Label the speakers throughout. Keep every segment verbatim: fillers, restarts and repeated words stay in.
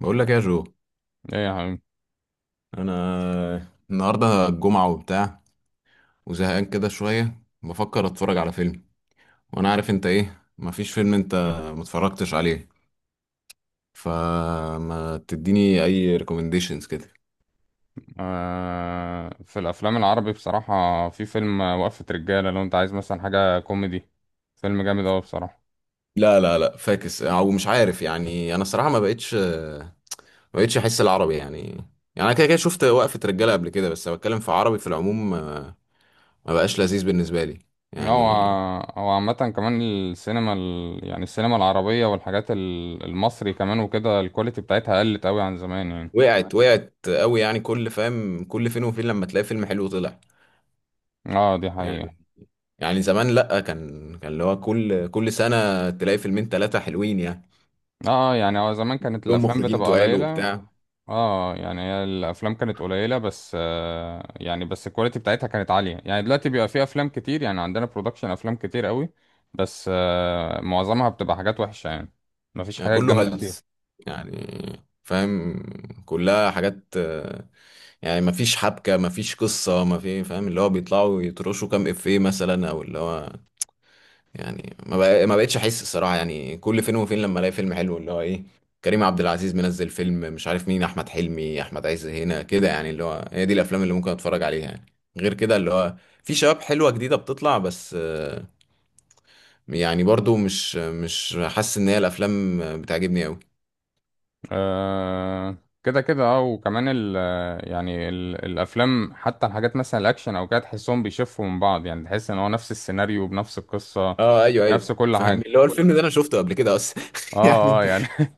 Speaker 1: بقول لك إيه يا جو.
Speaker 2: ايه يا حبيبي.
Speaker 1: انا النهارده الجمعه وبتاع، وزهقان كده شويه، بفكر اتفرج على فيلم، وانا عارف انت ايه مفيش فيلم انت متفرجتش عليه، فما تديني اي ريكومنديشنز كده.
Speaker 2: آه في الافلام العربي بصراحه، في فيلم وقفه رجاله لو انت عايز مثلا حاجه كوميدي. فيلم جامد اوي بصراحه.
Speaker 1: لا لا لا فاكس او مش عارف، يعني انا الصراحه ما بقتش ما بقتش احس العربي يعني. يعني انا كده كده شفت وقفه رجاله قبل كده، بس بتكلم في عربي في العموم ما ما بقاش لذيذ بالنسبه لي
Speaker 2: هو
Speaker 1: يعني.
Speaker 2: هو عامه كمان السينما ال... يعني السينما العربيه والحاجات ال- المصري كمان وكده، الكواليتي بتاعتها قلت اوي عن زمان يعني.
Speaker 1: وقعت وقعت قوي يعني، كل فاهم، كل فين وفين لما تلاقي فيلم حلو طلع.
Speaker 2: اه، دي حقيقه.
Speaker 1: يعني زمان لأ، كان كان اللي هو كل كل سنة تلاقي فيلمين تلاتة حلوين يعني،
Speaker 2: اه يعني هو زمان كانت
Speaker 1: كلهم
Speaker 2: الافلام
Speaker 1: مخرجين
Speaker 2: بتبقى
Speaker 1: تقال
Speaker 2: قليله.
Speaker 1: وبتاع.
Speaker 2: اه يعني هي الافلام كانت قليله، بس آه يعني بس الكواليتي بتاعتها كانت عاليه. يعني دلوقتي بيبقى في افلام كتير، يعني عندنا برودكشن افلام كتير قوي. بس آه معظمها بتبقى حاجات وحشه يعني، مفيش
Speaker 1: يعني
Speaker 2: حاجات
Speaker 1: كله
Speaker 2: جامده كتير.
Speaker 1: هلس، يعني فاهم، كلها حاجات آه، يعني مفيش حبكة، مفيش قصة، مفيش فاهم اللي هو بيطلعوا يترشوا كام إفيه مثلا، أو اللي هو يعني ما بق- ما بقتش احس الصراحه، يعني كل فين وفين لما الاقي فيلم حلو اللي هو ايه، كريم عبد العزيز منزل فيلم، مش عارف مين، احمد حلمي، احمد عز، هنا كده، يعني اللي هو هي دي الافلام اللي ممكن اتفرج عليها يعني. غير كده اللي هو في شباب حلوه جديده بتطلع، بس آه، يعني برضو مش مش حاسس ان هي الافلام آه، بتعجبني قوي.
Speaker 2: آه، كده كده. اه وكمان ال يعني ال الافلام، حتى الحاجات مثلا الاكشن او كده، تحسهم بيشفوا من بعض، يعني تحس ان هو نفس السيناريو بنفس القصه،
Speaker 1: اه ايوه
Speaker 2: نفس
Speaker 1: ايوه
Speaker 2: كل
Speaker 1: فاهم،
Speaker 2: حاجه.
Speaker 1: اللي هو الفيلم ده انا شفته قبل كده اصلا
Speaker 2: اه،
Speaker 1: يعني.
Speaker 2: اه، يعني.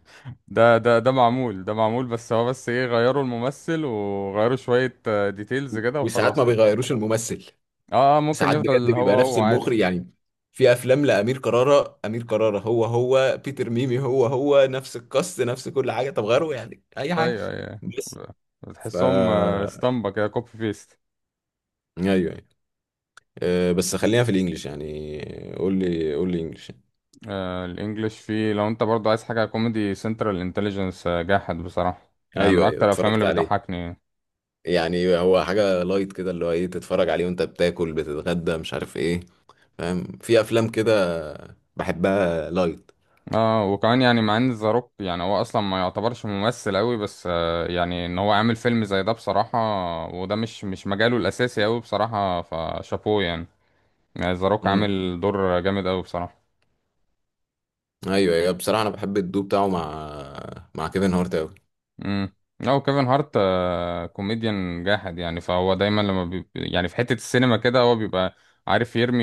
Speaker 2: ده ده ده معمول، ده معمول، بس هو، بس ايه، غيروا الممثل وغيروا شوية ديتيلز كده
Speaker 1: وساعات ما
Speaker 2: وخلاص.
Speaker 1: بيغيروش الممثل،
Speaker 2: اه، اه، ممكن
Speaker 1: ساعات بجد
Speaker 2: يفضل هو
Speaker 1: بيبقى نفس
Speaker 2: هو عادي.
Speaker 1: المخرج يعني. في افلام لامير كرارة، امير كرارة هو هو، بيتر ميمي هو هو، نفس القص، نفس كل حاجه، طب غيره يعني اي حاجه.
Speaker 2: ايوه، ايوه.
Speaker 1: بس
Speaker 2: ب-
Speaker 1: ف
Speaker 2: بتحسهم آه، اسطمبة كده، كوبي بيست.
Speaker 1: ايوه ايوه. أه، بس خلينا في الانجليش يعني، قول لي قول لي انجليش يعني.
Speaker 2: آه، الانجليش فيه، لو انت برضو عايز حاجة كوميدي، سنترال انتليجنس جاحد بصراحة. يعني من
Speaker 1: ايوه ايوه
Speaker 2: اكتر الافلام
Speaker 1: اتفرجت
Speaker 2: اللي
Speaker 1: عليه،
Speaker 2: بتضحكني.
Speaker 1: يعني هو حاجه لايت كده اللي هو ايه، تتفرج عليه وانت بتاكل، بتتغدى مش عارف ايه، فاهم؟ في افلام كده بحبها لايت.
Speaker 2: اه، وكمان يعني، مع ان ذا روك يعني هو اصلا ما يعتبرش ممثل قوي، بس آه يعني ان هو عامل فيلم زي ده بصراحة. وده مش مش مجاله الاساسي قوي بصراحة، فشابوه يعني. يعني ذا روك
Speaker 1: امم
Speaker 2: عامل دور جامد قوي بصراحة.
Speaker 1: ايوه ايوه، بصراحه انا بحب الدو بتاعه مع مع كيفن هارت أوي.
Speaker 2: امم، لا، كيفن هارت آه، كوميديان جاحد يعني. فهو دايما لما بي... يعني في حتة السينما كده هو بيبقى عارف يرمي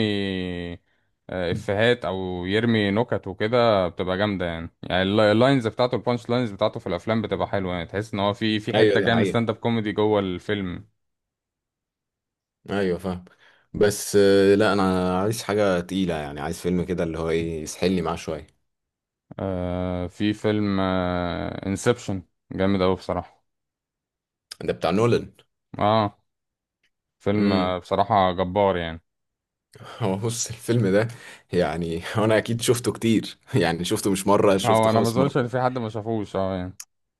Speaker 2: آه، افيهات او يرمي نكت وكده، بتبقى جامدة يعني يعني الل- اللاينز بتاعته، البانش لاينز بتاعته في الافلام بتبقى حلوة، يعني تحس ان هو في في
Speaker 1: ايوه
Speaker 2: حتة
Speaker 1: دي
Speaker 2: كده من
Speaker 1: حقيقة،
Speaker 2: ستاند اب كوميدي جوه الفيلم.
Speaker 1: ايوه فاهم. بس آه، لا انا عايز حاجة تقيلة، يعني عايز فيلم كده اللي هو ايه يسحلني معاه شوية.
Speaker 2: آه، في فيلم انسبشن جامد اوي بصراحة.
Speaker 1: ده بتاع نولان.
Speaker 2: اه، فيلم آه،
Speaker 1: امم
Speaker 2: بصراحة جبار يعني.
Speaker 1: هو بص الفيلم ده، يعني انا اكيد شفته كتير يعني شفته مش مرة،
Speaker 2: هو
Speaker 1: شفته
Speaker 2: انا ما
Speaker 1: خمس مرات.
Speaker 2: اظنش ان في حد ما شافوش، اه يعني.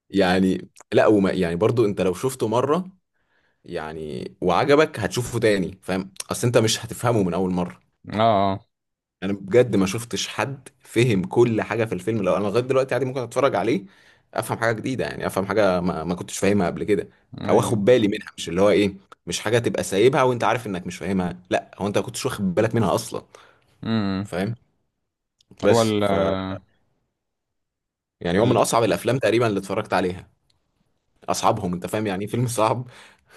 Speaker 1: يعني لا، وما يعني برضو انت لو شفته مرة يعني وعجبك هتشوفه تاني، فاهم؟ اصل انت مش هتفهمه من اول مرة.
Speaker 2: اه، اه،
Speaker 1: انا بجد ما شفتش حد فهم كل حاجه في الفيلم، لو انا لغايه دلوقتي عادي ممكن اتفرج عليه افهم حاجه جديده، يعني افهم حاجه ما, ما كنتش فاهمها قبل كده او اخد بالي منها، مش اللي هو ايه، مش حاجه تبقى سايبها وانت عارف انك مش فاهمها، لا، هو انت ما كنتش واخد بالك منها اصلا،
Speaker 2: ايوه،
Speaker 1: فاهم؟
Speaker 2: هو
Speaker 1: بس
Speaker 2: ال
Speaker 1: ف يعني هو من
Speaker 2: ال
Speaker 1: اصعب الافلام تقريبا اللي اتفرجت عليها، اصعبهم، انت فاهم يعني ايه فيلم صعب.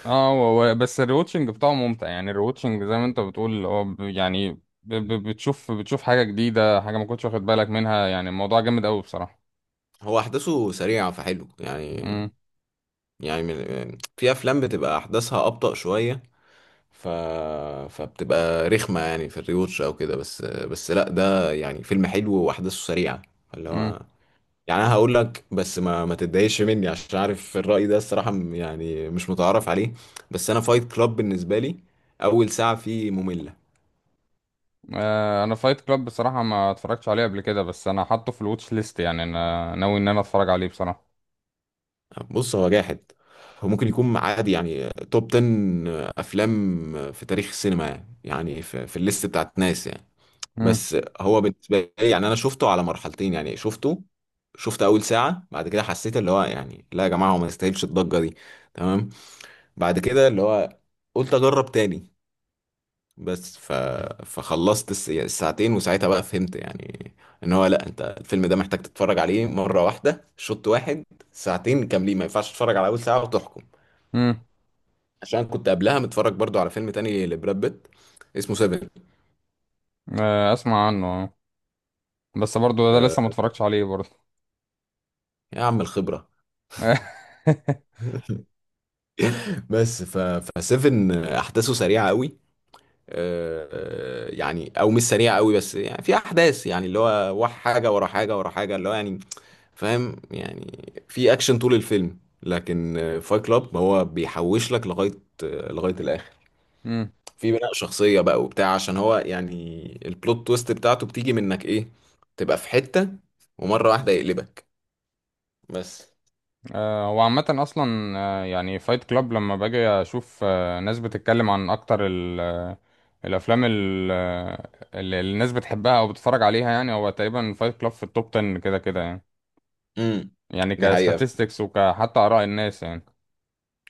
Speaker 2: اه هو هو- بس الريوتشنج بتاعه ممتع، يعني الريوتشنج، زي ما انت بتقول، هو ب- يعني ب- ب- بتشوف بتشوف حاجة جديدة، حاجة ما كنتش واخد بالك منها. يعني الموضوع جامد قوي بصراحة.
Speaker 1: هو احداثه سريعه فحلو يعني.
Speaker 2: امم،
Speaker 1: يعني من... في افلام بتبقى احداثها ابطأ شويه، ف... فبتبقى رخمة يعني في الريوتش او كده، بس بس لا ده يعني فيلم حلو واحداثه سريعة اللي
Speaker 2: امم.
Speaker 1: هو. يعني انا هقول لك بس ما ما تتضايقش مني، عشان عارف الرأي ده الصراحة م- يعني مش متعارف عليه، بس انا فايت كلاب بالنسبة لي اول ساعة فيه مملة.
Speaker 2: آه، انا فايت كلاب بصراحة ما اتفرجتش عليه قبل كده، بس انا حاطه في الواتش ليست يعني. انا ناوي ان انا اتفرج عليه بصراحة.
Speaker 1: بص هو جاحد، هو ممكن يكون عادي يعني توب عشرة افلام في تاريخ السينما يعني، يعني في, في الليست بتاعت ناس يعني.
Speaker 2: امم،
Speaker 1: بس هو بالنسبه لي يعني انا شفته على مرحلتين، يعني شفته، شفت اول ساعه، بعد كده حسيت اللي هو يعني لا يا جماعه هو ما يستاهلش الضجه دي، تمام؟ بعد كده اللي هو قلت اجرب تاني، بس ف... فخلصت الس- يعني الساعتين، وساعتها بقى فهمت يعني ان هو لا، انت الفيلم ده محتاج تتفرج عليه مره واحده شوط واحد ساعتين كاملين، ما ينفعش تتفرج على اول ساعه وتحكم.
Speaker 2: امم.
Speaker 1: عشان كنت قبلها متفرج برضو على فيلم تاني لبراد بيت، اسمه سيفن.
Speaker 2: آه، اسمع عنه آه. بس برضو ده
Speaker 1: آه،
Speaker 2: لسه ما اتفرجتش عليه برضو.
Speaker 1: يا عم الخبره. بس ف فسيفن احداثه سريعه قوي، آه، يعني او مش سريعه قوي، بس يعني في احداث يعني اللي هو واحد، حاجه ورا حاجه ورا حاجه اللي هو يعني، فاهم يعني في اكشن طول الفيلم. لكن فايت كلاب هو بيحوش لك لغايه لغايه الاخر،
Speaker 2: امم.
Speaker 1: في بناء شخصيه بقى وبتاع، عشان هو يعني البلوت تويست بتاعته بتيجي منك ايه، تبقى في حته ومره واحده يقلبك بس.
Speaker 2: آه، وعامة أصلا آه، يعني فايت كلاب، لما باجي أشوف آه، ناس بتتكلم عن أكتر ال- آه، الأفلام ال- آه، اللي اللي الناس بتحبها أو بتتفرج عليها، يعني هو تقريبا فايت كلاب في التوب تن كده كده يعني.
Speaker 1: امم
Speaker 2: يعني
Speaker 1: دي حقيقه.
Speaker 2: كستاتستكس وكحتى آراء الناس يعني.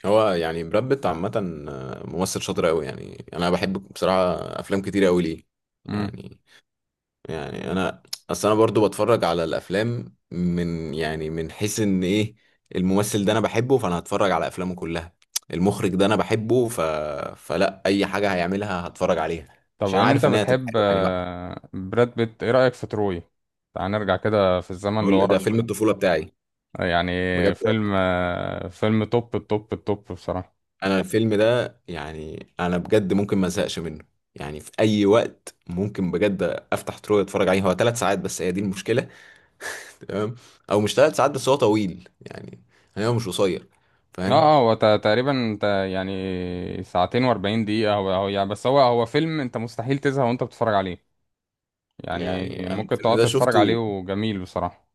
Speaker 1: هو يعني براد بيت عامة آه، ممثل شاطر أوي، يعني أنا بحب بصراحة أفلام كتير أوي ليه،
Speaker 2: مم.
Speaker 1: يعني. يعني أنا، أصل أنا برضو بتفرج على الأفلام من يعني من حيث إن إيه، الممثل ده أنا بحبه فأنا هتفرج على أفلامه كلها، المخرج ده أنا بحبه ف... فلا أي حاجة هيعملها هتفرج عليها،
Speaker 2: طب
Speaker 1: عشان
Speaker 2: إن أنت
Speaker 1: عارف إن هي هتبقى
Speaker 2: بتحب
Speaker 1: حلوة يعني. بقى
Speaker 2: آه، براد بيت، إيه رأيك في تروي؟ تعال نرجع كده في الزمن
Speaker 1: بقول
Speaker 2: لورا
Speaker 1: ده فيلم
Speaker 2: شوية.
Speaker 1: الطفولة بتاعي،
Speaker 2: يعني
Speaker 1: بجد.
Speaker 2: فيلم آه، فيلم توب، التوب التوب بصراحة.
Speaker 1: انا الفيلم ده يعني انا بجد ممكن ما ازهقش منه، يعني في اي وقت ممكن بجد افتح ترو اتفرج عليه. هو ثلاث ساعات، بس هي دي المشكله، تمام؟ او مش ثلاث ساعات بس هو طويل يعني، يعني هو مش قصير،
Speaker 2: اه،
Speaker 1: فاهم؟
Speaker 2: اه، هو تا- تقريبا تا- يعني ساعتين واربعين دقيقة. هو هو يعني، بس هو هو فيلم انت مستحيل تزهق وانت بتتفرج عليه. يعني
Speaker 1: يعني انا
Speaker 2: ممكن
Speaker 1: الفيلم
Speaker 2: تقعد
Speaker 1: ده
Speaker 2: تتفرج عليه،
Speaker 1: شفته،
Speaker 2: وجميل بصراحة.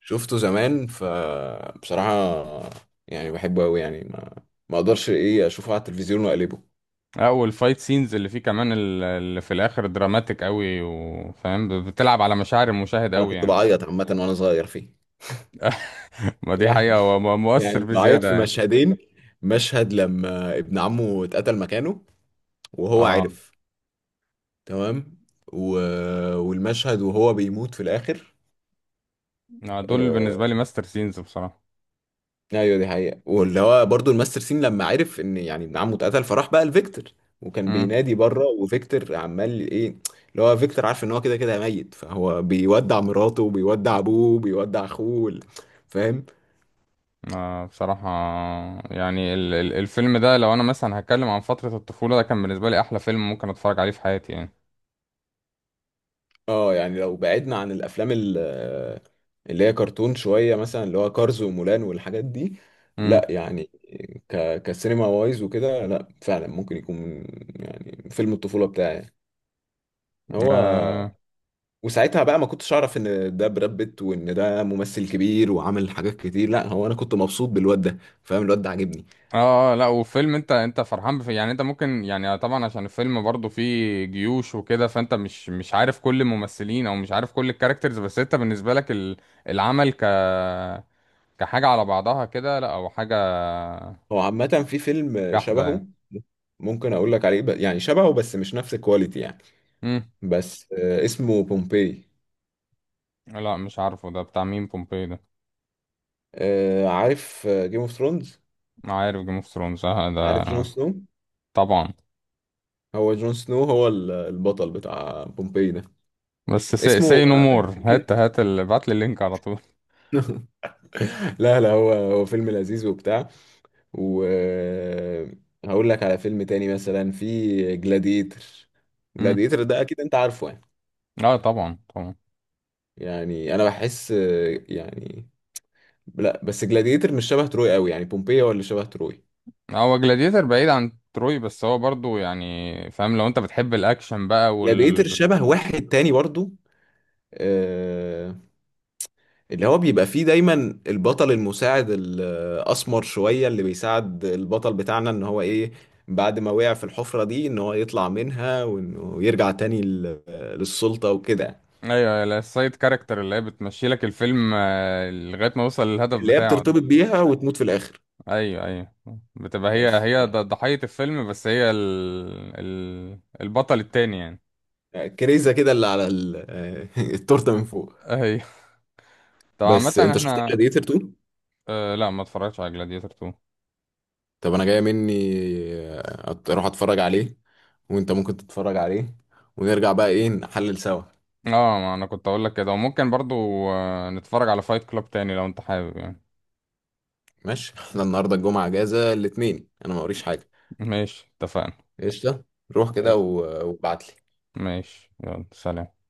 Speaker 1: شفته زمان، فبصراحه يعني بحبه قوي، يعني ما ما اقدرش ايه اشوفه على التلفزيون واقلبه.
Speaker 2: اه، والفايت سينز اللي فيه، كمان ال- اللي في الاخر دراماتيك قوي، وفاهم ب- بتلعب على مشاعر المشاهد
Speaker 1: انا
Speaker 2: قوي
Speaker 1: كنت
Speaker 2: يعني.
Speaker 1: بعيط عامه وانا صغير فيه
Speaker 2: ما دي حقيقة،
Speaker 1: يعني.
Speaker 2: هو م- مؤثر
Speaker 1: يعني بعيط في
Speaker 2: بزيادة يعني.
Speaker 1: مشهدين: مشهد لما ابن عمه اتقتل مكانه وهو
Speaker 2: اه،
Speaker 1: عارف، تمام؟ و... والمشهد وهو بيموت في الاخر.
Speaker 2: آه، دول بالنسبة
Speaker 1: آه...
Speaker 2: لي ماستر سينز بصراحة.
Speaker 1: ايوه دي حقيقة، واللي هو برضو الماستر سين لما عرف ان يعني ابن عمه اتقتل، فراح بقى لفيكتور وكان بينادي بره وفيكتور عمال ايه، اللي هو فيكتور عارف ان هو كده كده ميت، فهو بيودع مراته وبيودع ابوه وبيودع اخوه وال- فاهم.
Speaker 2: آه بصراحة، يعني ال- ال- الفيلم ده، لو أنا مثلا هتكلم عن فترة الطفولة، ده كان بالنسبة لي أحلى فيلم ممكن أتفرج عليه في حياتي يعني.
Speaker 1: اه يعني لو بعدنا عن الافلام ال- اللي هي كرتون شويه مثلا، اللي هو كارز ومولان والحاجات دي،
Speaker 2: امم،
Speaker 1: لا يعني ك كسينما وايز وكده، لا فعلا ممكن يكون يعني فيلم الطفوله بتاعي هو.
Speaker 2: آه.
Speaker 1: وساعتها بقى ما كنتش اعرف ان ده براد بيت وان ده ممثل كبير وعمل حاجات كتير، لا هو انا كنت مبسوط بالواد ده، فاهم؟ الواد ده عاجبني.
Speaker 2: اه، آه، لا، وفيلم انت انت فرحان بف... يعني انت ممكن، يعني طبعا عشان الفيلم برضه فيه جيوش وكده، فانت مش مش عارف كل الممثلين او مش عارف كل الكاركترز. بس انت بالنسبة لك ال... العمل ك كحاجة على بعضها كده، لا، او حاجة
Speaker 1: هو عامه في فيلم
Speaker 2: جحدة يعني.
Speaker 1: شبهه ممكن اقول لك عليه ب- يعني شبهه بس مش نفس الكواليتي يعني،
Speaker 2: امم،
Speaker 1: بس آه، اسمه بومبي.
Speaker 2: لا، مش عارفه ده بتاع مين، بومبي ده.
Speaker 1: آه، عارف جيم اوف ثرونز؟
Speaker 2: ما عارف جيم اوف ثرونز ده.
Speaker 1: عارف جون سنو؟
Speaker 2: طبعا.
Speaker 1: هو جون سنو هو ال- البطل بتاع بومبي ده.
Speaker 2: بس سي,
Speaker 1: اسمه،
Speaker 2: سي نو مور،
Speaker 1: آه،
Speaker 2: هات هات ال... ابعت لي اللينك على طول.
Speaker 1: لا لا هو هو فيلم لذيذ وبتاع. وهقول لك على فيلم تاني مثلا، في جلاديتر.
Speaker 2: امم.
Speaker 1: جلاديتر ده اكيد انت عارفه يعني.
Speaker 2: اه، طبعا، طبعا.
Speaker 1: يعني انا بحس آه، يعني، لا بس جلاديتر مش شبه تروي قوي، يعني بومبي هو اللي شبه تروي.
Speaker 2: هو جلاديتر بعيد عن تروي، بس هو برضو يعني فاهم، لو انت بتحب الاكشن بقى
Speaker 1: جلاديتر
Speaker 2: وال.
Speaker 1: شبه واحد تاني برضو، آه، اللي هو بيبقى فيه دايما البطل المساعد الأسمر شوية اللي بيساعد البطل بتاعنا إن هو إيه، بعد ما وقع في الحفرة دي إن هو يطلع منها وإنه يرجع تاني لل- للسلطة وكده،
Speaker 2: ايوه، السايد كاركتر اللي هي بتمشي لك الفيلم آه، لغايه ما يوصل للهدف
Speaker 1: اللي هي
Speaker 2: بتاعه ده.
Speaker 1: بترتبط بيها وتموت في الآخر،
Speaker 2: ايوه، ايوه. بتبقى هي
Speaker 1: بس
Speaker 2: هي ض-
Speaker 1: يعني
Speaker 2: ضحيه الفيلم، بس هي ال... ال... البطل التاني يعني.
Speaker 1: كريزة كده اللي على ال- التورتة من فوق.
Speaker 2: ايوه. طب عامه
Speaker 1: بس أنت شفت
Speaker 2: احنا.
Speaker 1: جلاديتر اتنين؟
Speaker 2: آه، لا، ما اتفرجتش على جلاديتر تو.
Speaker 1: طب أنا جاية مني أت- أروح أتفرج عليه، وأنت ممكن تتفرج عليه، ونرجع بقى إيه نحلل سوا.
Speaker 2: اه، ما انا كنت اقول لك كده، وممكن برضو آه، نتفرج على فايت كلاب تاني لو انت حابب يعني.
Speaker 1: ماشي، احنا النهارده الجمعه، اجازه الاثنين، انا ما اوريش حاجه.
Speaker 2: ماشي، اتفقنا.
Speaker 1: قشطه، روح كده
Speaker 2: ماشي.
Speaker 1: و- وابعت لي.
Speaker 2: ماشي، يلا سلام.